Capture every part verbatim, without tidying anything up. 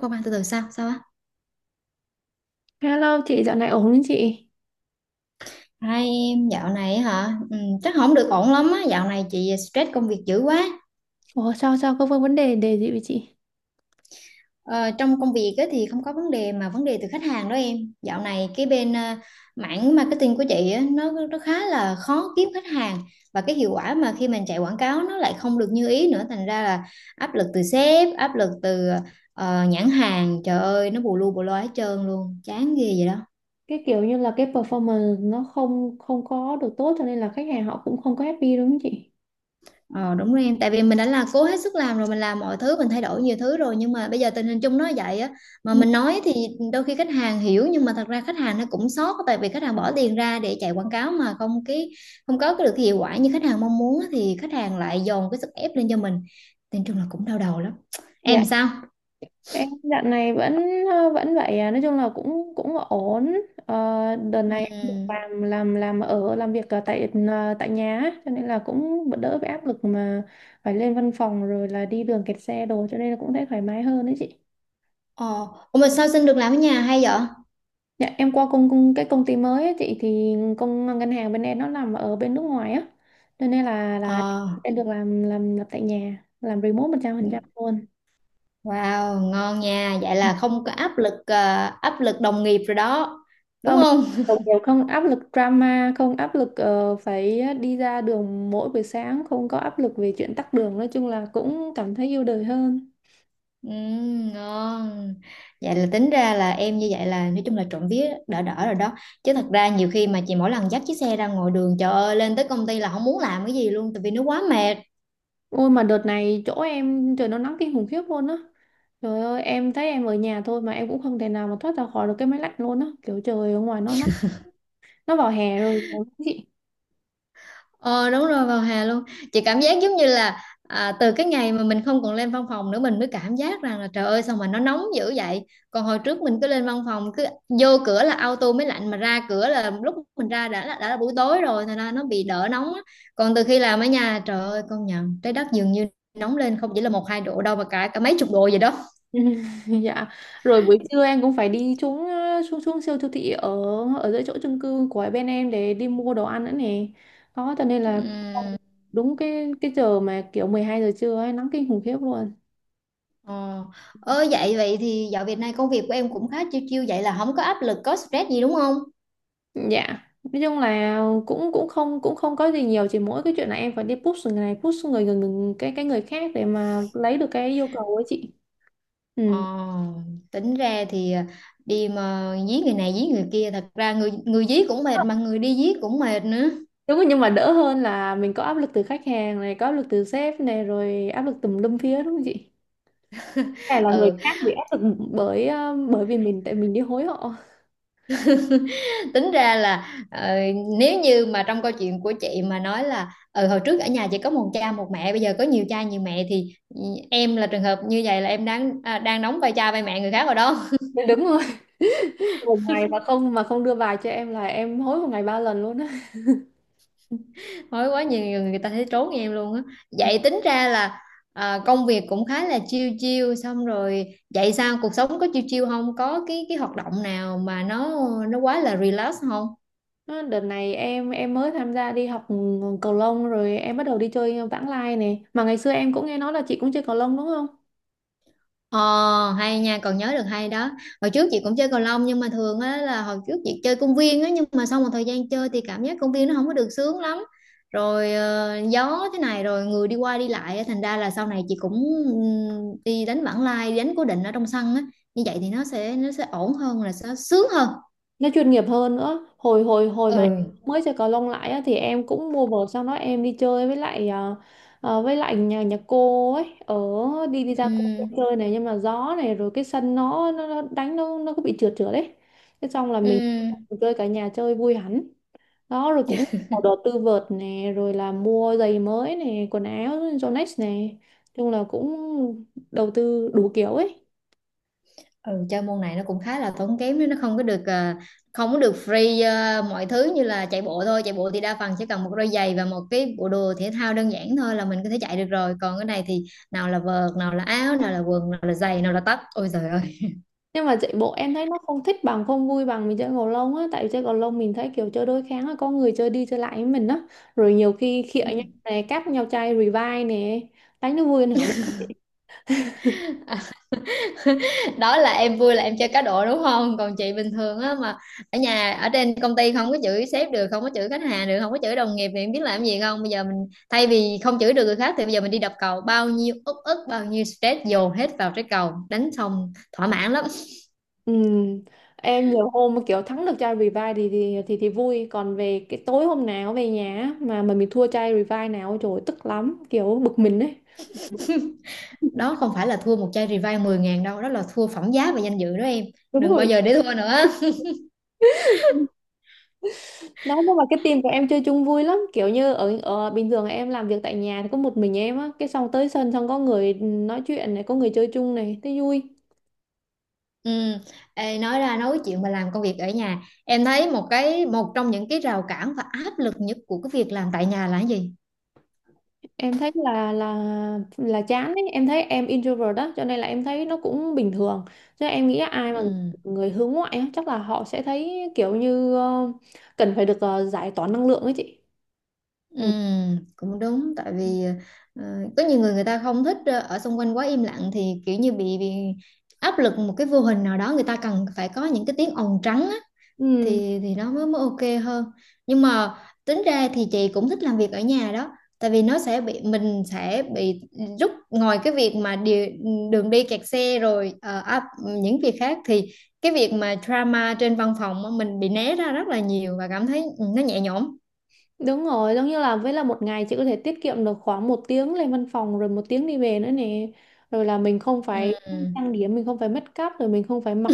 Không an từ từ sao sao á. Hello chị, dạo này ổn không chị? Hai, em dạo này hả. Ừ, chắc không được ổn lắm á, dạo này chị stress công việc dữ quá. Ủa sao sao có vấn đề đề gì với chị? Ờ, trong công việc á, thì không có vấn đề mà vấn đề từ khách hàng đó em. Dạo này cái bên ờ, mảng marketing của chị á, nó nó khá là khó kiếm khách hàng, và cái hiệu quả mà khi mình chạy quảng cáo nó lại không được như ý nữa, thành ra là áp lực từ sếp, áp lực từ ờ, nhãn hàng, trời ơi nó bù lu bù loa hết trơn luôn, chán ghê vậy đó. Cái kiểu như là cái performance nó không không có được tốt cho nên là khách hàng họ cũng không có happy đúng không chị? Ờ đúng rồi em, tại vì mình đã là cố hết sức làm rồi, mình làm mọi thứ, mình thay đổi nhiều thứ rồi nhưng mà bây giờ tình hình chung nó vậy á, mà Ừ. mình nói thì đôi khi khách hàng hiểu, nhưng mà thật ra khách hàng nó cũng sót, tại vì khách hàng bỏ tiền ra để chạy quảng cáo mà không cái không có cái được cái hiệu quả như khách hàng mong muốn á, thì khách hàng lại dồn cái sức ép lên cho mình. Nên chung là cũng đau đầu lắm. Dạ Em sao? em dạo này vẫn ờ, vẫn vậy à, nói chung là cũng cũng ổn. Ờ, Đợt này em được Ừ. làm làm làm ở làm việc ở tại ờ, tại nhà á, cho nên là cũng đỡ bị áp lực mà phải lên văn phòng rồi là đi đường kẹt xe đồ, cho nên là cũng thấy thoải mái hơn đấy chị. Ờ, ủa mà sao xin được làm ở nhà hay vậy? Dạ, em qua công, công cái công ty mới ấy, chị thì công ngân hàng bên em nó nằm ở bên nước ngoài á. Cho nên là là Ờ, em được làm làm làm tại nhà, làm remote một trăm phần trăm luôn. wow, ngon nha. Vậy là không có áp lực ờ, áp lực đồng nghiệp rồi đó, đúng Không không? đồng nghiệp không áp lực drama, không áp lực ờ, phải đi ra đường mỗi buổi sáng, không có áp lực về chuyện tắc đường, nói chung là cũng cảm thấy yêu đời hơn. Ừ, ngon. Vậy là tính ra là em như vậy là nói chung là trộm vía đỡ đỡ rồi đó, chứ thật ra nhiều khi mà chị mỗi lần dắt chiếc xe ra ngoài đường, trời ơi lên tới công ty là không muốn làm cái gì luôn tại vì nó quá mệt. Ôi mà đợt này chỗ em trời nó nắng kinh khủng khiếp luôn á. Trời ơi, em thấy em ở nhà thôi mà em cũng không thể nào mà thoát ra khỏi được cái máy lạnh luôn á. Kiểu trời ở ngoài nó nắng, nó vào hè rồi đúng không chị? Ờ đúng rồi, vào hè luôn. Chị cảm giác giống như là à, từ cái ngày mà mình không còn lên văn phòng nữa, mình mới cảm giác rằng là trời ơi sao mà nó nóng dữ vậy, còn hồi trước mình cứ lên văn phòng, cứ vô cửa là auto mới lạnh, mà ra cửa là lúc mình ra đã là, đã là buổi tối rồi, thành ra nó bị đỡ nóng á. Còn từ khi làm ở nhà trời ơi, công nhận trái đất dường như nóng lên không chỉ là một hai độ đâu mà cả cả mấy chục độ vậy đó. Dạ, rồi buổi trưa em cũng phải đi xuống ờ, xuống xuống siêu siêu thị ở ở dưới chỗ chung cư của bên em để đi mua đồ ăn nữa nè, đó cho nên là Ừm, đúng cái cái giờ mà kiểu mười hai giờ trưa ấy nắng kinh khủng khiếp luôn. ờ. Ơ, vậy vậy thì dạo Việt Nam công việc của em cũng khá chiêu chiêu vậy, là không có áp lực có stress gì đúng không? Dạ, nói chung là cũng cũng không cũng không có gì nhiều, chỉ mỗi cái chuyện là em phải đi push người này, push người người, người cái cái người khác để mà lấy được cái yêu cầu ấy chị. Ừ. Ờ, tính ra thì à, đi mà dí người này dí người kia, thật ra người người dí cũng mệt mà người đi dí cũng mệt nữa. Đúng rồi, nhưng mà đỡ hơn là mình có áp lực từ khách hàng này, có áp lực từ sếp này, rồi áp lực tùm lum phía đúng không chị? Hay là người Ừ, khác bị áp lực bởi ờ, bởi vì mình, tại mình đi hối họ. tính ra là ờ, nếu như mà trong câu chuyện của chị mà nói là ừ, hồi trước ở nhà chỉ có một cha một mẹ, bây giờ có nhiều cha nhiều mẹ thì ừ, em là trường hợp như vậy, là em đang à, đang đóng vai cha vai mẹ người khác rồi đó. Dạ, đúng rồi. Một ngày mà không mà không đưa bài cho em là em hối một ngày ba lần luôn á. Mới quá nhiều người người ta thấy trốn em luôn á. Vậy tính ra là à, công việc cũng khá là chill chill xong rồi, vậy sao cuộc sống có chill chill không? Có cái cái hoạt động nào mà nó nó quá là relax không? Nó, đợt này em em mới tham gia đi học cầu lông, rồi em bắt đầu đi chơi vãng lai này. Mà ngày xưa em cũng nghe nói là chị cũng chơi cầu lông đúng không? Ờ, hay nha, còn nhớ được hay đó. Hồi trước chị cũng chơi cầu lông, nhưng mà thường á là hồi trước chị chơi công viên á. Nhưng mà sau một thời gian chơi thì cảm giác công viên nó không có được sướng lắm. Rồi ờ, gió thế này rồi người đi qua đi lại á. Thành ra là sau này chị cũng ừm, đi đánh vãng lai, đi đánh cố định ở trong sân á. Như vậy thì nó sẽ nó sẽ ổn hơn, là sẽ sướng hơn. Nó chuyên nghiệp hơn nữa. Hồi hồi hồi mà Ừ. mới chơi cầu lông lại á, thì em cũng mua vợt, xong đó em đi chơi với lại à, à, với lại nhà nhà cô ấy ở, đi đi ra công viên Ừm, chơi này, nhưng mà gió này, rồi cái sân nó nó, nó đánh nó nó cứ bị trượt trượt đấy, thế xong là mình ừm. chơi cả nhà chơi vui hẳn, đó rồi cũng có đầu tư vợt nè, rồi là mua giày mới nè, quần áo Yonex nè, chung là cũng đầu tư đủ kiểu ấy. Ừ, chơi môn này nó cũng khá là tốn kém đấy, nó không có được ờ, không có được free. Ờ, mọi thứ như là chạy bộ thôi, chạy bộ thì đa phần chỉ cần một đôi giày và một cái bộ đồ thể thao đơn giản thôi là mình có thể chạy được rồi, còn cái này thì nào là vợt, nào là áo, nào là quần, nào là giày, nào là tất, ôi trời ơi. Nhưng mà chạy bộ em thấy nó không thích bằng, không vui bằng mình chơi cầu lông á, tại vì chơi cầu lông mình thấy kiểu chơi đôi kháng, là có người chơi đi chơi lại với mình á, rồi nhiều khi khịa Ừ. nhau nè, cáp nhau chai revive nè, đánh nó vui hơn hẳn. Đó là em vui là em chơi cá độ đúng không, còn chị bình thường á mà ở nhà ở trên công ty không có chửi sếp được, không có chửi khách hàng được, không có chửi đồng nghiệp, thì em biết làm gì không, bây giờ mình thay vì không chửi được người khác thì bây giờ mình đi đập cầu, bao nhiêu uất ức bao nhiêu stress dồn hết vào trái cầu, đánh xong thỏa mãn lắm. Ừ. Em nhiều hôm mà kiểu thắng được chai revive thì thì thì, thì vui, còn về cái tối hôm nào về nhà á, mà mà mình thua chai revive nào trời ơi, tức lắm, kiểu bực mình ấy. Đó không phải là thua một chai revive mười ngàn đâu, đó là thua phẩm giá và danh dự đó em. Đúng Đừng bao rồi. giờ để thua nữa. Đấy, nhưng mà cái team của em chơi chung vui lắm. Kiểu như ở, ở bình thường em làm việc tại nhà thì có một mình em á, cái xong tới sân xong có người nói chuyện này, có người chơi chung này, thấy vui. Ừ. Ê, nói ra nói chuyện mà làm công việc ở nhà, em thấy một cái, một trong những cái rào cản và áp lực nhất của cái việc làm tại nhà là cái gì? Em thấy là là là chán ấy. Em thấy em introvert đó, cho nên là em thấy nó cũng bình thường. Chứ em nghĩ ai mà Ừ, người hướng ngoại á, chắc là họ sẽ thấy kiểu như ờ, cần phải được ờ, giải tỏa năng lượng ấy chị. ừ, Ừ. cũng đúng, tại vì ờ, có nhiều người, người ta không thích ờ, ở xung quanh quá im lặng, thì kiểu như bị, bị áp lực một cái vô hình nào đó, người ta cần phải có những cái tiếng ồn trắng á, Ừ. thì thì nó mới mới ok hơn. Nhưng mà tính ra thì chị cũng thích làm việc ở nhà đó, tại vì nó sẽ bị, mình sẽ bị rút ngoài cái việc mà đi, đường đi kẹt xe rồi ờ, áp- những việc khác, thì cái việc mà drama trên văn phòng á, mình bị né ra rất là nhiều và cảm thấy ừ, nó nhẹ nhõm. Đúng rồi, giống như là với là một ngày chị có thể tiết kiệm được khoảng một tiếng lên văn phòng rồi một tiếng đi về nữa nè. Rồi là mình không Ừ. phải trang điểm, mình không phải make up, rồi mình không phải mặc,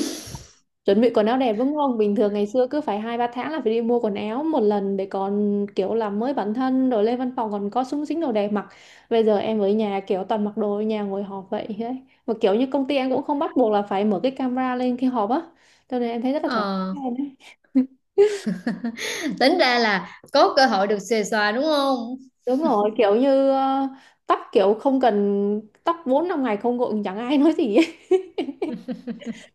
chuẩn bị quần áo đẹp đúng không? Bình thường ngày xưa cứ phải hai ba tháng là phải đi mua quần áo một lần để còn kiểu làm mới bản thân rồi lên văn phòng còn có súng xính đồ đẹp mặc. Bây giờ em ở nhà kiểu toàn mặc đồ ở nhà ngồi họp vậy đấy. Mà kiểu như công ty em cũng không bắt buộc là phải mở cái camera lên khi họp á. Cho nên em thấy rất là thoải Ờ, mái đấy. tính ra là có cơ hội được xuề xòa đúng không? Đúng rồi, kiểu như ờ, tóc kiểu không cần tóc bốn năm ngày không gội chẳng ai nói gì ấy.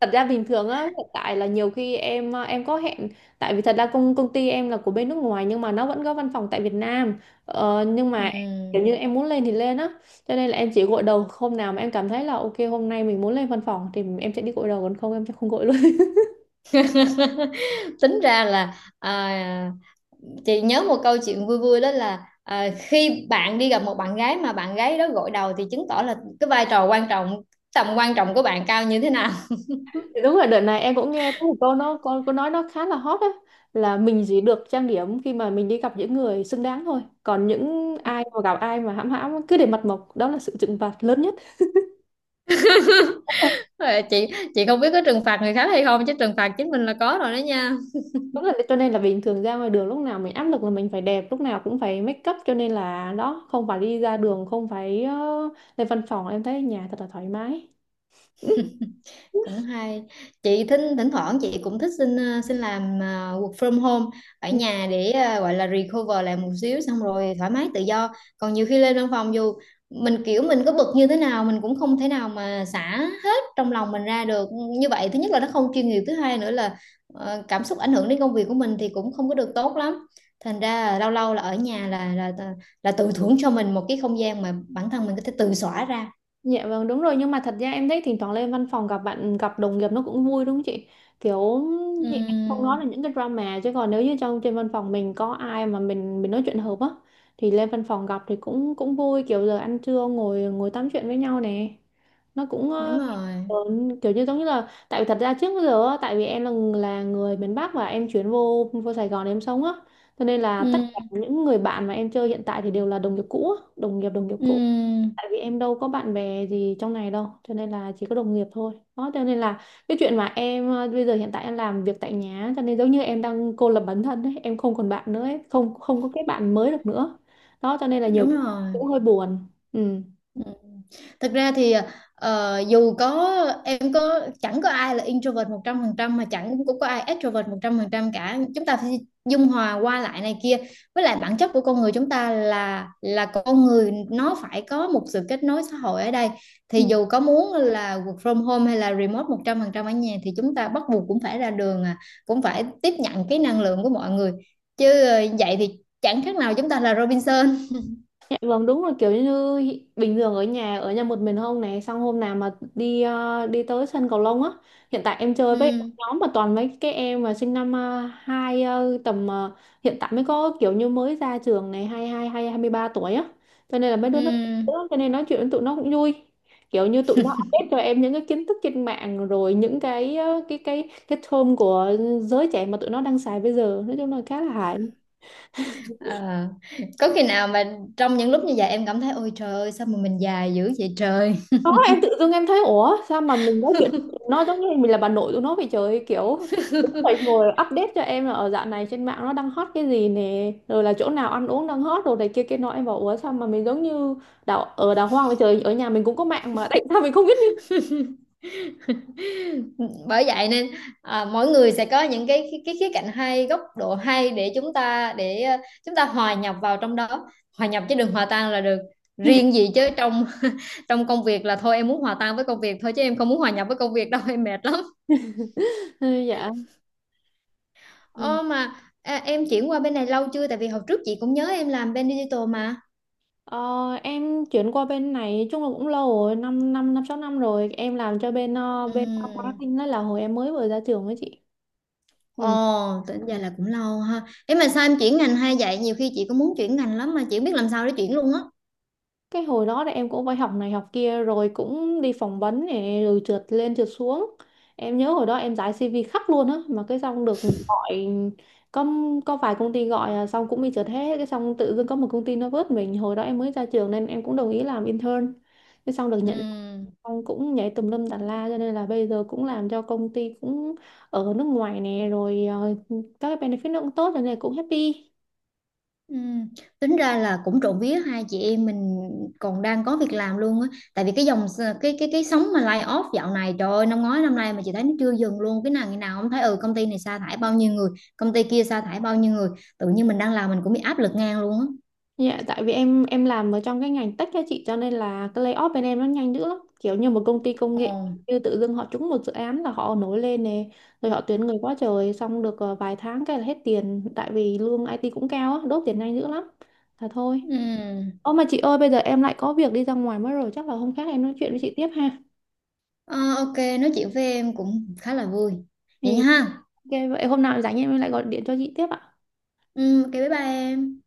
Thật ra bình thường á, hiện tại là nhiều khi em ờ, em có hẹn, tại vì thật ra công công ty em là của bên nước ngoài, nhưng mà nó vẫn có văn phòng tại Việt Nam. Ờ, nhưng mà kiểu Ừm. như em muốn lên thì lên á. Cho nên là em chỉ gội đầu hôm nào mà em cảm thấy là ok hôm nay mình muốn lên văn phòng thì em sẽ đi gội đầu, còn không em sẽ không gội luôn. Tính ra là à, chị nhớ một câu chuyện vui vui, đó là à, khi bạn đi gặp một bạn gái mà bạn gái đó gội đầu thì chứng tỏ là cái vai trò quan trọng, tầm quan trọng của bạn cao như thế nào. Đúng rồi, đợt này em cũng nghe có một câu nó con có nói, nó khá là hot á, là mình chỉ được trang điểm khi mà mình đi gặp những người xứng đáng thôi. Còn những ai mà gặp, ai mà hãm hãm cứ để mặt mộc, đó là sự trừng phạt lớn nhất. Ờ, Chị chị không biết có trừng phạt người khác hay không, chứ trừng phạt chính mình là có rồi đó nha. Đúng, là cho nên là bình thường ra ngoài đường lúc nào mình áp lực là mình phải đẹp, lúc nào cũng phải make up, cho nên là đó, không phải đi ra đường, không phải ờ, lên văn phòng, em thấy ở nhà thật là thoải mái. Cũng hay, chị thỉnh thỉnh thoảng chị cũng thích xin ờ, xin làm ờ, work from home ở nhà để ờ, gọi là recover lại một xíu, xong rồi thoải mái tự do, còn nhiều khi lên văn phòng dù mình kiểu mình có bực như thế nào mình cũng không thể nào mà xả hết trong lòng mình ra được. Như vậy thứ nhất là nó không chuyên nghiệp, thứ hai nữa là ờ, cảm xúc ảnh hưởng đến công việc của mình thì cũng không có được tốt lắm, thành ra là lâu lâu là ở nhà là là là, là tự thưởng cho mình một cái không gian mà bản thân mình có thể tự xóa ra. Dạ vâng đúng rồi, nhưng mà thật ra em thấy thỉnh thoảng lên văn phòng gặp bạn gặp đồng nghiệp nó cũng vui đúng không chị? Kiểu chị không nói là Ừm, những cái drama, chứ còn nếu như trong trên văn phòng mình có ai mà mình mình nói chuyện hợp á, thì lên văn phòng gặp thì cũng cũng vui, kiểu giờ ăn trưa ngồi ngồi tám chuyện với nhau nè, nó cũng ờ, đúng rồi. ờ, kiểu như giống như là, tại vì thật ra trước giờ á, tại vì em là là người miền Bắc và em chuyển vô vô Sài Gòn để em sống á, cho nên là tất cả những người bạn mà em chơi hiện tại thì đều là đồng nghiệp cũ á, đồng nghiệp đồng nghiệp cũ, Ừ, tại vì em đâu có bạn bè gì trong này đâu, cho nên là chỉ có đồng nghiệp thôi, đó cho nên là cái chuyện mà em ờ, bây giờ hiện tại em làm việc tại nhà, cho nên giống như em đang cô lập bản thân ấy, em không còn bạn nữa ấy, không không có cái bạn mới được nữa, đó cho nên là nhiều đúng cái rồi. cũng hơi buồn. Ừ. Ừ. Thật ra thì ờ, dù có em có chẳng có ai là introvert một trăm phần trăm, mà chẳng cũng có ai extrovert một trăm phần trăm cả. Chúng ta phải dung hòa qua lại này kia. Với lại bản chất của con người chúng ta là là con người nó phải có một sự kết nối xã hội ở đây. Thì dù có muốn là work from home hay là remote một trăm phần trăm ở nhà thì chúng ta bắt buộc cũng phải ra đường, à, cũng phải tiếp nhận cái năng lượng của mọi người. Chứ ờ, vậy thì chẳng khác nào chúng ta là Robinson. Dạ vâng đúng rồi, kiểu như bình thường ở nhà ở nhà một mình không này, xong hôm nào mà đi ờ, đi tới sân cầu lông á, hiện tại em chơi với Ừ. nhóm mà toàn mấy cái em mà sinh năm ờ, hai ờ, tầm ờ, hiện tại mới có kiểu như mới ra trường này, hai hai hai hai mươi ba tuổi á, cho nên là mấy đứa nó, Ừm, cho nên nói chuyện với tụi nó cũng vui, kiểu như tụi nó update cho em những cái kiến thức trên mạng, rồi những cái ờ, cái cái cái term của giới trẻ mà tụi nó đang xài bây giờ, nói chung là khá là hài. ờ. Có khi nào mà trong những lúc như vậy em cảm thấy ôi trời ơi sao mà mình già dữ vậy trời? Em tự dưng em thấy ủa sao mà mình nói chuyện nó giống như mình là bà nội tụi nó vậy trời, kiểu tụi nó phải ngồi update cho em là ở dạo này trên mạng nó đang hot cái gì nè, rồi là chỗ nào ăn uống đang hot rồi này kia kia nọ, em bảo ủa sao mà mình giống như đào ở đào hoang vậy trời, ở nhà mình cũng có mạng mà tại sao mình không biết như. Bởi vậy nên à, mỗi người sẽ có những cái, cái cái khía cạnh hay góc độ, hay để chúng ta để ờ, chúng ta hòa nhập vào trong đó, hòa nhập chứ đừng hòa tan là được. Riêng gì chứ trong trong công việc là thôi em muốn hòa tan với công việc thôi chứ em không muốn hòa nhập với công việc đâu, em mệt lắm. Ừ, dạ. Ừ. Ồ mà à, em chuyển qua bên này lâu chưa, tại vì hồi trước chị cũng nhớ em làm bên digital mà. Ờ, em chuyển qua bên này chung là cũng lâu rồi, năm năm năm sáu năm rồi em làm cho bên ờ, bên Ừm. marketing, đó là hồi em mới vừa ra trường ấy chị. Ồ, Ừ. tính ra là cũng lâu ha. Ấy mà sao em chuyển ngành hay vậy? Nhiều khi chị cũng muốn chuyển ngành lắm mà chị không biết làm sao để chuyển luôn á. Cái hồi đó thì em cũng phải học này học kia, rồi cũng đi phỏng vấn này, rồi trượt lên trượt xuống. Em nhớ hồi đó em giải xê vê khắp luôn á, mà cái xong được gọi, có có vài công ty gọi à, xong cũng bị trượt hết, cái xong tự dưng có một công ty nó vớt mình, hồi đó em mới ra trường nên em cũng đồng ý làm intern, cái xong được nhận, Ừ. xong cũng nhảy tùm lum tà la, cho nên là bây giờ cũng làm cho công ty cũng ở nước ngoài nè, rồi à, các cái benefit nó cũng tốt cho nên là cũng happy. Ừ. Tính ra là cũng trộm vía hai chị em mình còn đang có việc làm luôn á. Tại vì cái dòng, cái cái cái sóng mà lay off dạo này trời ơi, năm ngoái năm nay mà chị thấy nó chưa dừng luôn. Cái nào, ngày nào không thấy ừ, công ty này sa thải bao nhiêu người, công ty kia sa thải bao nhiêu người. Tự nhiên mình đang làm mình cũng bị áp lực ngang luôn á. Dạ, tại vì em em làm ở trong cái ngành tech á chị, cho nên là cái layoff bên em nó nhanh dữ lắm. Kiểu như một công ty công nghệ Ồ. như tự dưng họ trúng một dự án là họ nổi lên nè, rồi họ tuyển người quá trời, xong được ờ, vài tháng cái là hết tiền, tại vì lương ai ti cũng cao á, đốt tiền nhanh dữ lắm. Là thôi. Ừ. Ô mà chị ơi bây giờ em lại có việc đi ra ngoài mất rồi, chắc là hôm khác em nói chuyện với chị tiếp ha. Ờ, ok, nói chuyện với em cũng khá là vui. Vậy Thì nha ha. ok vậy hôm nào rảnh em lại gọi điện cho chị tiếp ạ. Ừ, ok bye bye em.